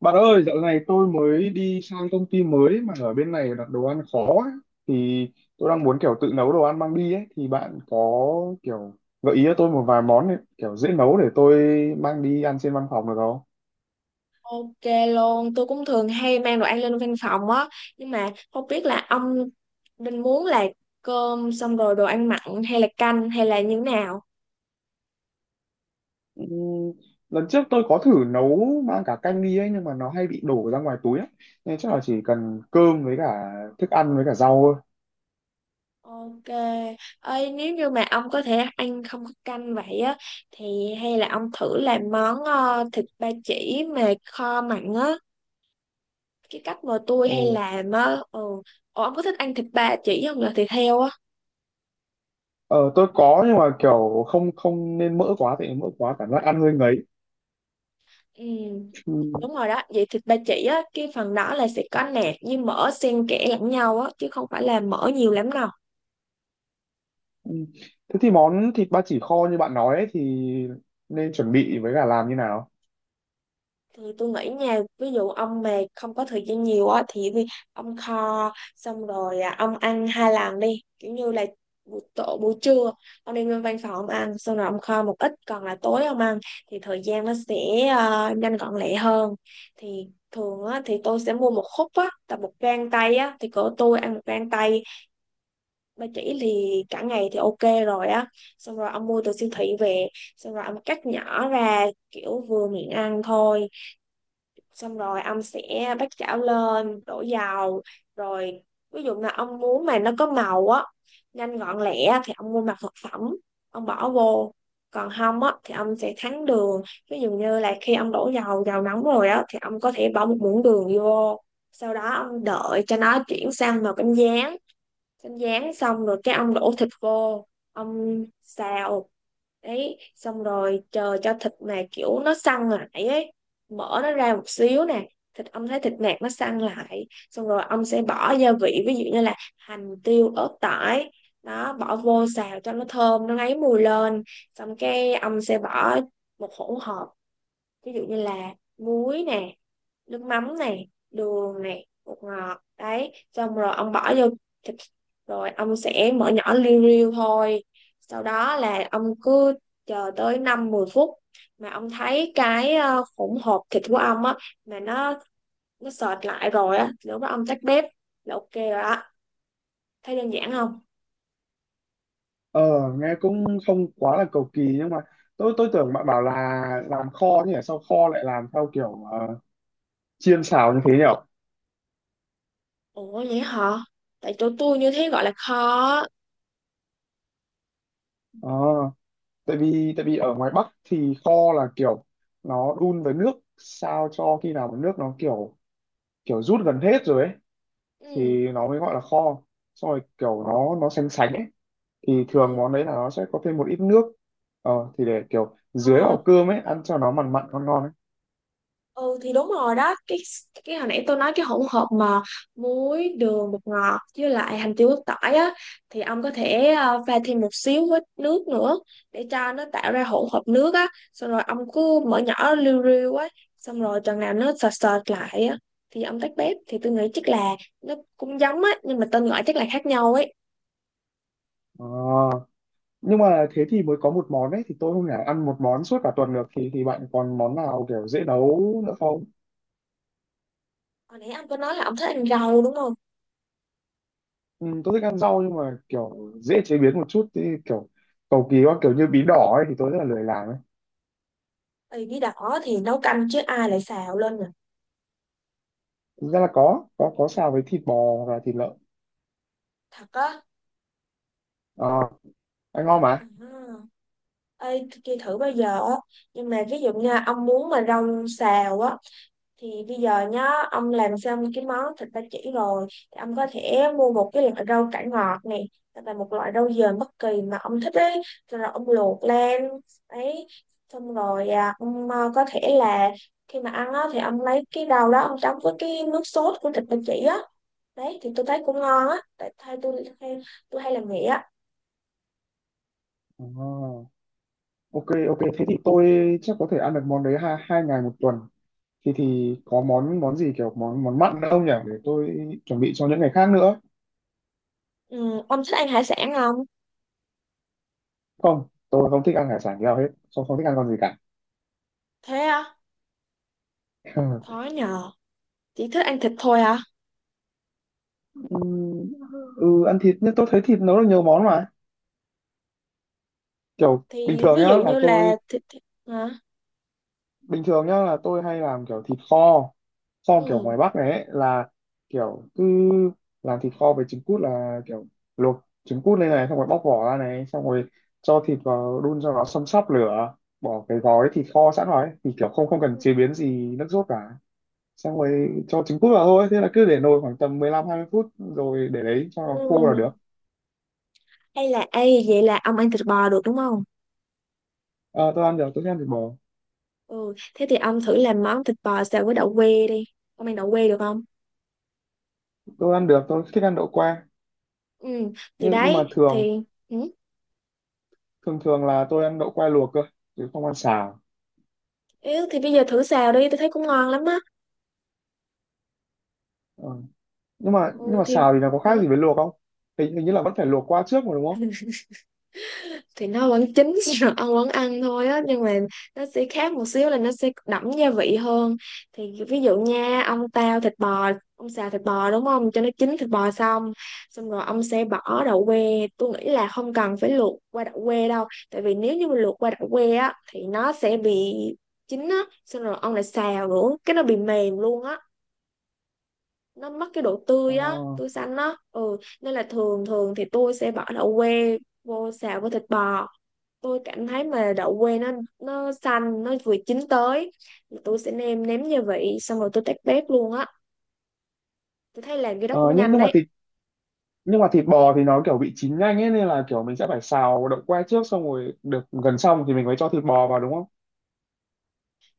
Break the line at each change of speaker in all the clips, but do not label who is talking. Bạn ơi, dạo này tôi mới đi sang công ty mới mà ở bên này đặt đồ ăn khó ấy. Thì tôi đang muốn kiểu tự nấu đồ ăn mang đi ấy. Thì bạn có kiểu gợi ý cho tôi một vài món ấy, kiểu dễ nấu để tôi mang đi ăn trên văn phòng được không?
Ok luôn, tôi cũng thường hay mang đồ ăn lên văn phòng á, nhưng mà không biết là ông định muốn là cơm xong rồi đồ ăn mặn hay là canh hay là như thế nào?
Ừ, lần trước tôi có thử nấu mang cả canh đi ấy nhưng mà nó hay bị đổ ra ngoài túi ấy. Nên chắc là chỉ cần cơm với cả thức ăn với cả rau thôi.
Ok, ơi nếu như mà ông có thể ăn không có canh vậy á, thì hay là ông thử làm món thịt ba chỉ mà kho mặn á, cái cách mà tôi
Ồ.
hay làm á, ừ. Ủa, ông có thích ăn thịt ba chỉ không, là thịt heo á?
Ờ, tôi có nhưng mà kiểu không không nên mỡ quá, tại mỡ quá cảm giác ăn hơi
Ừ,
ngấy.
đúng rồi đó. Vậy thịt ba chỉ á, cái phần đó là sẽ có nạc với mỡ xen kẽ lẫn nhau á, chứ không phải là mỡ nhiều lắm đâu.
Ừ. Thế thì món thịt ba chỉ kho như bạn nói ấy, thì nên chuẩn bị với cả làm như nào?
Thì tôi nghĩ nha, ví dụ ông mà không có thời gian nhiều á, thì ông kho xong rồi ông ăn hai lần đi. Kiểu như là buổi trưa ông đi lên văn phòng ông ăn xong rồi ông kho một ít còn là tối ông ăn, thì thời gian nó sẽ nhanh gọn lẹ hơn. Thì thường á, thì tôi sẽ mua một khúc á tầm một gang tay á, thì cỡ tôi ăn một gang tay ba chỉ thì cả ngày thì ok rồi á. Xong rồi ông mua từ siêu thị về, xong rồi ông cắt nhỏ ra kiểu vừa miệng ăn thôi, xong rồi ông sẽ bắt chảo lên đổ dầu. Rồi ví dụ là ông muốn mà nó có màu á, nhanh gọn lẹ thì ông mua mặt thực phẩm ông bỏ vô, còn không á thì ông sẽ thắng đường. Ví dụ như là khi ông đổ dầu, dầu nóng rồi á thì ông có thể bỏ một muỗng đường vô, sau đó ông đợi cho nó chuyển sang màu cánh gián. Xanh rán xong rồi cái ông đổ thịt vô, ông xào. Đấy xong rồi chờ cho thịt mà kiểu nó săn lại ấy, mở nó ra một xíu nè, thịt ông thấy thịt nạc nó săn lại, xong rồi ông sẽ bỏ gia vị ví dụ như là hành, tiêu, ớt, tỏi đó bỏ vô xào cho nó thơm, nó ngấy mùi lên. Xong cái ông sẽ bỏ một hỗn hợp, ví dụ như là muối nè, nước mắm này, đường này, bột ngọt, đấy xong rồi ông bỏ vô thịt, rồi ông sẽ mở nhỏ liu riu thôi. Sau đó là ông cứ chờ tới 5-10 phút, mà ông thấy cái hỗn hợp thịt của ông á mà nó sệt lại rồi á, lúc đó ông tắt bếp là ok rồi đó. Thấy đơn giản không?
Ờ, nghe cũng không quá là cầu kỳ nhưng mà tôi tưởng bạn bảo là làm kho, thì sao kho lại làm theo kiểu chiên xào như thế nhỉ?
Ủa vậy hả, tại chỗ tôi như thế gọi là khó.
Ờ, tại vì ở ngoài Bắc thì kho là kiểu nó đun với nước sao cho khi nào mà nước nó kiểu kiểu rút gần hết rồi ấy,
Ừ.
thì nó mới gọi là kho. Xong rồi kiểu nó sánh sánh ấy, thì thường món đấy là nó sẽ có thêm một ít nước, ờ, thì để kiểu dưới
Ờ,
vào cơm ấy ăn cho nó mặn mặn ngon ngon ấy.
Ừ thì đúng rồi đó, cái hồi nãy tôi nói cái hỗn hợp mà muối, đường, bột ngọt với lại hành, tiêu, ớt, tỏi á, thì ông có thể pha thêm một xíu với nước nữa để cho nó tạo ra hỗn hợp nước á, xong rồi ông cứ mở nhỏ riu riu á, xong rồi chừng nào nó sệt sệt lại á thì ông tắt bếp. Thì tôi nghĩ chắc là nó cũng giống á, nhưng mà tên gọi chắc là khác nhau ấy.
Ờ, nhưng mà thế thì mới có một món ấy, thì tôi không thể ăn một món suốt cả tuần được, thì bạn còn món nào kiểu dễ nấu nữa không?
Hồi nãy ông có nói là ông thích ăn rau đúng không?
Ừ, tôi thích ăn rau nhưng mà kiểu dễ chế biến một chút, thì kiểu cầu kỳ quá kiểu như bí đỏ ấy thì tôi rất là lười làm ấy.
Ừ, bí đỏ thì nấu canh chứ ai lại xào lên nhỉ?
Thực ra là có xào với thịt bò và thịt lợn.
Thật á?
Ờ, ăn ngon mà.
Ừ. Ê, tôi kia thử bao giờ á, nhưng mà ví dụ như ông muốn mà rau xào á, thì bây giờ nhá, ông làm xong cái món thịt ba chỉ rồi thì ông có thể mua một cái loại rau cải ngọt này, hoặc là một loại rau dền bất kỳ mà ông thích ấy, rồi ông luộc lên ấy. Xong rồi ông có thể là khi mà ăn á thì ông lấy cái rau đó ông chấm với cái nước sốt của thịt ba chỉ á. Đấy thì tôi thấy cũng ngon á, tại thay tôi hay làm vậy á.
Ờ, ok ok thế thì tôi chắc có thể ăn được món đấy hai hai ngày một tuần, thì có món món gì kiểu món món mặn nữa không nhỉ, để tôi chuẩn bị cho những ngày khác nữa?
Ừ, ông thích ăn hải sản không?
Không, tôi không thích ăn hải sản nhiều hết, tôi không thích ăn con gì cả.
Thế á? Khó nhờ. Chị thích ăn thịt thôi hả?
Ừ, ừ, ăn thịt nhưng tôi thấy thịt nấu được nhiều món mà, kiểu bình
Thì
thường
ví
nhá
dụ
là
như
tôi,
là thịt hả?
bình thường nhá là tôi hay làm kiểu thịt kho, kho kiểu
Ừ.
ngoài Bắc này ấy, là kiểu cứ làm thịt kho với trứng cút, là kiểu luộc trứng cút lên này, xong rồi bóc vỏ ra này, xong rồi cho thịt vào đun cho nó xâm sắp lửa, bỏ cái gói thịt kho sẵn rồi ấy, thì kiểu không không cần chế biến gì nước sốt cả, xong rồi cho trứng cút vào thôi, thế là cứ để nồi khoảng tầm 15-20 phút, rồi để đấy cho nó khô là
Ừ.
được.
Hay là ấy, vậy là ông ăn thịt bò được đúng không?
Ờ, tôi ăn được, tôi thích ăn thịt bò.
Ừ, thế thì ông thử làm món thịt bò xào với đậu que đi. Ông ăn đậu que được không?
Tôi ăn được, tôi thích ăn đậu que.
Ừ, thì
nhưng nhưng mà
đấy,
thường
thì ừ.
thường thường là tôi ăn đậu que luộc cơ, chứ không ăn xào.
Yếu thì bây giờ thử xào đi, tôi thấy cũng ngon lắm á.
Ờ. nhưng mà nhưng
Ừ
mà
thì
xào thì nó có khác gì
ừ.
với luộc không? Hình như là vẫn phải luộc qua trước mà, đúng không?
Thì nó vẫn chín, rồi ăn vẫn ăn thôi á, nhưng mà nó sẽ khác một xíu là nó sẽ đậm gia vị hơn. Thì ví dụ nha, ông tao thịt bò, ông xào thịt bò đúng không, cho nó chín thịt bò xong, xong rồi ông sẽ bỏ đậu que. Tôi nghĩ là không cần phải luộc qua đậu que đâu, tại vì nếu như mà luộc qua đậu que á thì nó sẽ bị chín á, xong rồi ông lại xào nữa cái nó bị mềm luôn á, nó mất cái độ
Ờ,
tươi á, tươi xanh á. Ừ, nên là thường thường thì tôi sẽ bỏ đậu que vô xào với thịt bò, tôi cảm thấy mà đậu que nó xanh, nó vừa chín tới, thì tôi sẽ nêm nếm gia vị xong rồi tôi tắt bếp luôn á. Tôi thấy làm cái đó
ờ,
cũng nhanh đấy.
nhưng mà thịt bò thì nó kiểu bị chín nhanh ấy, nên là kiểu mình sẽ phải xào đậu que trước, xong rồi được gần xong thì mình mới cho thịt bò vào, đúng không?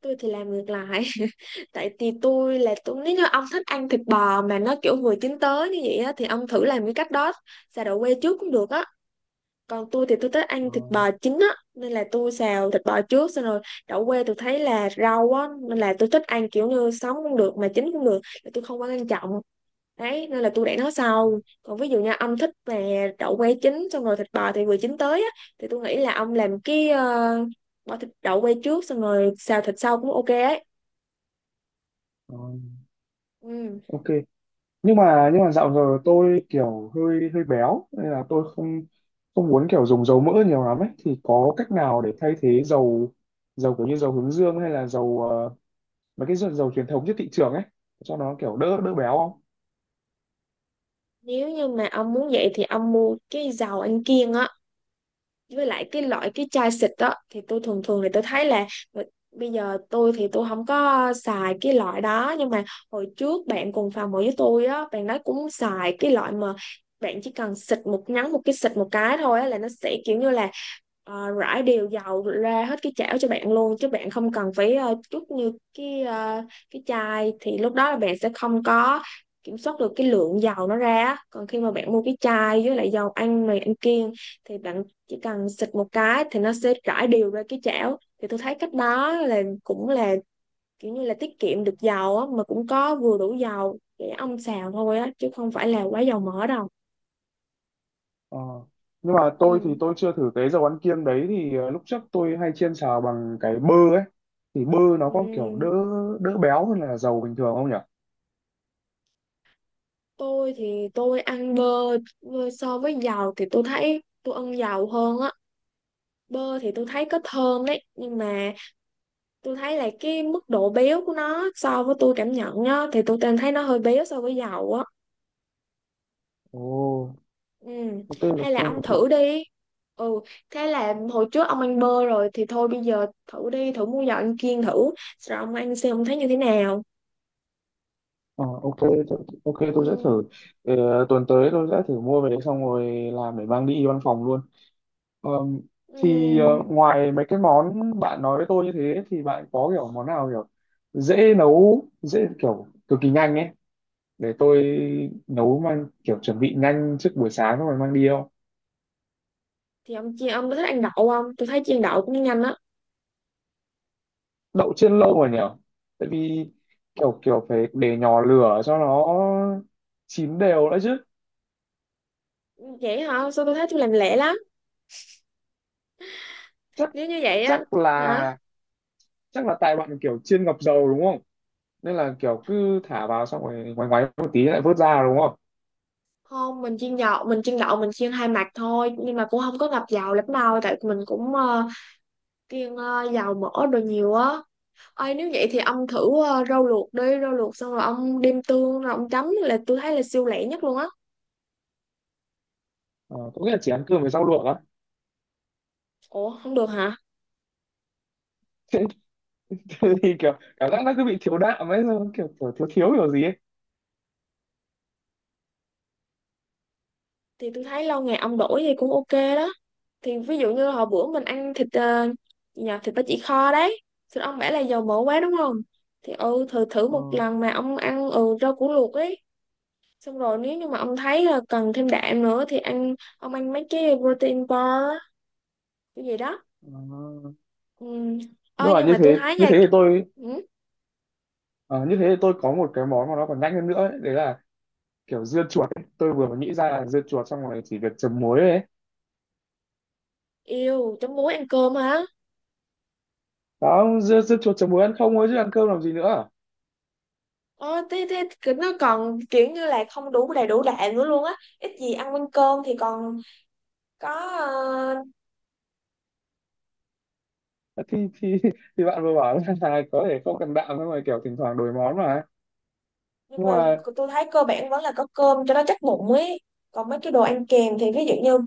Tôi thì làm ngược lại, tại vì tôi, nếu như ông thích ăn thịt bò mà nó kiểu vừa chín tới như vậy á thì ông thử làm cái cách đó, xào đậu que trước cũng được á. Còn tôi thì tôi thích
Ờ,
ăn thịt bò chín á, nên là tôi xào thịt bò trước, xong rồi đậu que tôi thấy là rau á, nên là tôi thích ăn kiểu như sống cũng được mà chín cũng được, là tôi không quá quan trọng. Đấy nên là tôi để nó sau. Còn ví dụ như ông thích về đậu que chín xong rồi thịt bò thì vừa chín tới á, thì tôi nghĩ là ông làm cái bỏ thịt đậu que trước xong rồi xào thịt sau cũng ok ấy.
ờ,
Ừ.
ok. Nhưng mà dạo giờ tôi kiểu hơi hơi béo nên là tôi không không muốn kiểu dùng dầu mỡ nhiều lắm ấy, thì có cách nào để thay thế dầu dầu, kiểu như dầu hướng dương hay là dầu, ờ, mấy cái dầu truyền thống trên thị trường ấy, cho nó kiểu đỡ đỡ béo không?
Nếu như mà ông muốn vậy thì ông mua cái dầu ăn kiêng á, với lại cái loại cái chai xịt đó. Thì tôi thường thường thì tôi thấy là ờ, bây giờ tôi thì tôi không có xài cái loại đó, nhưng mà hồi trước bạn cùng phòng ở với tôi á, bạn đó cũng xài cái loại mà bạn chỉ cần xịt một cái, xịt một cái thôi á, là nó sẽ kiểu như là rải đều dầu ra hết cái chảo cho bạn luôn, chứ bạn không cần phải chút như cái ờ, cái chai thì lúc đó là bạn sẽ không có kiểm soát được cái lượng dầu nó ra á. Còn khi mà bạn mua cái chai với lại dầu ăn này, ăn kiêng, thì bạn chỉ cần xịt một cái thì nó sẽ rải đều ra cái chảo. Thì tôi thấy cách đó là cũng là kiểu như là tiết kiệm được dầu á, mà cũng có vừa đủ dầu để ông xào thôi á, chứ không phải là quá dầu mỡ đâu.
Ờ. Nhưng mà tôi thì
Ừ.
tôi chưa thử cái dầu ăn kiêng đấy, thì ờ, lúc trước tôi hay chiên xào bằng cái bơ ấy, thì bơ nó
Ừ,
có kiểu đỡ đỡ béo hơn là dầu bình thường không nhỉ?
tôi thì tôi ăn bơ, bơ so với dầu thì tôi thấy tôi ăn dầu hơn á. Bơ thì tôi thấy có thơm đấy, nhưng mà tôi thấy là cái mức độ béo của nó so với tôi cảm nhận á, thì tôi cảm thấy nó hơi béo so với dầu á.
Ồ,
Ừ.
ok là
Hay là
tôi,
ông thử đi. Ừ, thế là hồi trước ông ăn bơ rồi thì thôi bây giờ thử đi, thử mua giò ăn kiêng thử. Rồi ông ăn xem ông thấy như thế nào.
ờ, ok, ok tôi sẽ
Ừ.
thử. Ờ, tuần tới tôi sẽ thử mua về đấy, xong rồi làm để mang đi văn phòng luôn. Ờ, thì ờ,
Ừ.
ngoài mấy cái món bạn nói với tôi như thế, thì bạn có kiểu món nào kiểu dễ nấu, dễ kiểu cực kỳ nhanh ấy, để tôi nấu mang kiểu chuẩn bị nhanh trước buổi sáng xong rồi mang đi không?
Thì ông chiên, ông có thích ăn đậu không? Tôi thấy chiên đậu cũng nhanh á.
Đậu chiên lâu rồi nhở, tại vì kiểu kiểu phải để nhỏ lửa cho nó chín đều đã chứ.
Ừ, vậy hả? Sao tôi thấy tôi làm lẹ lắm.
Chắc
Nếu như vậy á,
chắc
hả?
là Chắc là tại bạn kiểu chiên ngập dầu đúng không, nên là kiểu cứ thả vào xong rồi ngoáy ngoáy một tí lại vớt ra đúng không?
Không, mình chiên dầu, mình chiên đậu, mình chiên hai mặt thôi, nhưng mà cũng không có ngập dầu lắm đâu, tại mình cũng kiêng dầu mỡ đồ nhiều á. Ơi nếu vậy thì ông thử rau luộc đi, rau luộc xong rồi ông đem tương rồi ông chấm, là tôi thấy là siêu lẹ nhất luôn á.
Ờ, có nghĩa là chỉ ăn cơm với rau luộc á?
Ủa, không được hả?
Thế, thì kiểu cảm giác nó cứ bị thiếu đạm ấy, xong kiểu thiếu thiếu kiểu gì ấy.
Thì tôi thấy lâu ngày ông đổi gì cũng ok đó. Thì ví dụ như hồi bữa mình ăn thịt gì nhờ, thịt ba chỉ kho đấy. Thì ông bảo là dầu mỡ quá đúng không? Thì ừ, thử thử
Ờ,
một lần mà ông ăn rau củ luộc ấy. Xong rồi nếu như mà ông thấy là cần thêm đạm nữa thì ông ăn mấy cái protein bar cái gì đó.
ờ.
Ừ. Ơi nhưng mà tôi thấy
Như
nha,
thế thì tôi,
ừ,
ờ, như thế thì tôi có một cái món mà nó còn nhanh hơn nữa ấy, đấy là kiểu dưa chuột ấy. Tôi vừa mới nghĩ ra là dưa chuột xong rồi chỉ việc chấm muối thôi ấy.
yêu chấm muối ăn cơm hả?
Đó, dưa chuột chấm muối ăn không thôi chứ ăn cơm làm gì nữa.
Ờ, thế cứ nó còn kiểu như là không đủ, đầy đủ đạm nữa luôn á, ít gì ăn quanh cơm thì còn có ờ,
Thì thì bạn vừa bảo là có thể không cần đạm, nhưng mà kiểu thỉnh thoảng đổi món mà.
nhưng
Nhưng
mà
mà
tôi thấy cơ bản vẫn là có cơm cho nó chắc bụng ấy, còn mấy cái đồ ăn kèm thì ví dụ như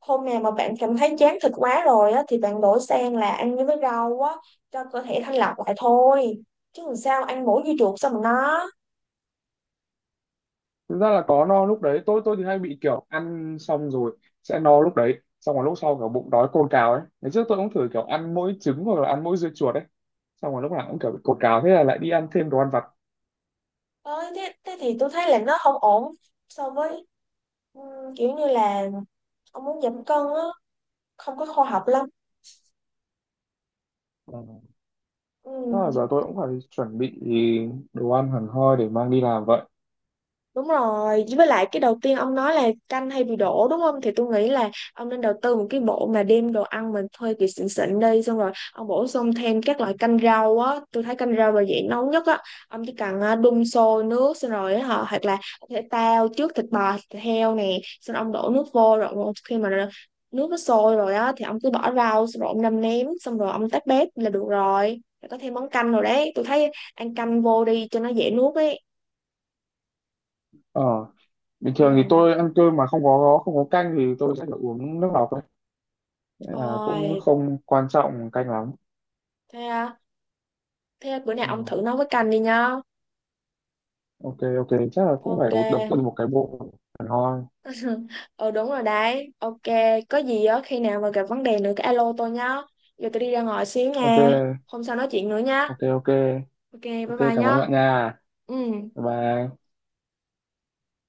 hôm nào mà bạn cảm thấy chán thịt quá rồi á thì bạn đổi sang là ăn với rau á, cho cơ thể thanh lọc lại thôi. Chứ làm sao ăn mỗi dưa chuột, sao mà nó.
thực ra là có no lúc đấy, tôi thì hay bị kiểu ăn xong rồi sẽ no lúc đấy, xong rồi lúc sau kiểu bụng đói cồn cào ấy. Ngày trước tôi cũng thử kiểu ăn mỗi trứng hoặc là ăn mỗi dưa chuột ấy. Xong rồi lúc nào cũng kiểu bị cồn cào, thế là lại đi ăn thêm đồ ăn vặt.
Ơi, thế thì tôi thấy là nó không ổn so với ừ, kiểu như là ông muốn giảm cân á, không có khoa học lắm. Ừ.
Đó là giờ tôi cũng phải chuẩn bị đồ ăn hẳn hoi để mang đi làm vậy.
Đúng rồi, với lại cái đầu tiên ông nói là canh hay bị đổ đúng không? Thì tôi nghĩ là ông nên đầu tư một cái bộ mà đem đồ ăn mình thuê kiểu xịn xịn đi, xong rồi ông bổ sung thêm các loại canh rau á, tôi thấy canh rau là dễ nấu nhất á. Ông chỉ cần đun sôi nước xong rồi á, hoặc là có thể tao trước thịt bò, thịt heo nè, xong ông đổ nước vô rồi khi mà nước nó sôi rồi á thì ông cứ bỏ rau xong rồi ông nêm nếm xong rồi ông tắt bếp là được rồi. Rồi có thêm món canh rồi đấy, tôi thấy ăn canh vô đi cho nó dễ nuốt ấy.
Ờ, bình thường thì
Ừ.
tôi ăn cơm mà không có canh thì tôi sẽ phải uống nước lọc ấy. Nên là cũng
Ôi,
không quan trọng canh lắm.
thế à? Thế bữa nào
Ờ,
ông thử nấu với canh đi nha.
ok ok chắc là cũng phải
Ok.
đầu đầu tư một cái bộ hẳn hoi.
Ờ đúng rồi đấy. Ok, có gì á khi nào mà gặp vấn đề nữa cái alo tôi nhá. Giờ tôi đi ra ngoài xíu
Ok
nha. Hôm sau nói chuyện nữa nhá.
ok ok
Ok, bye
ok
bye
cảm ơn
nhá.
bạn nha.
Ừ.
Bye bye.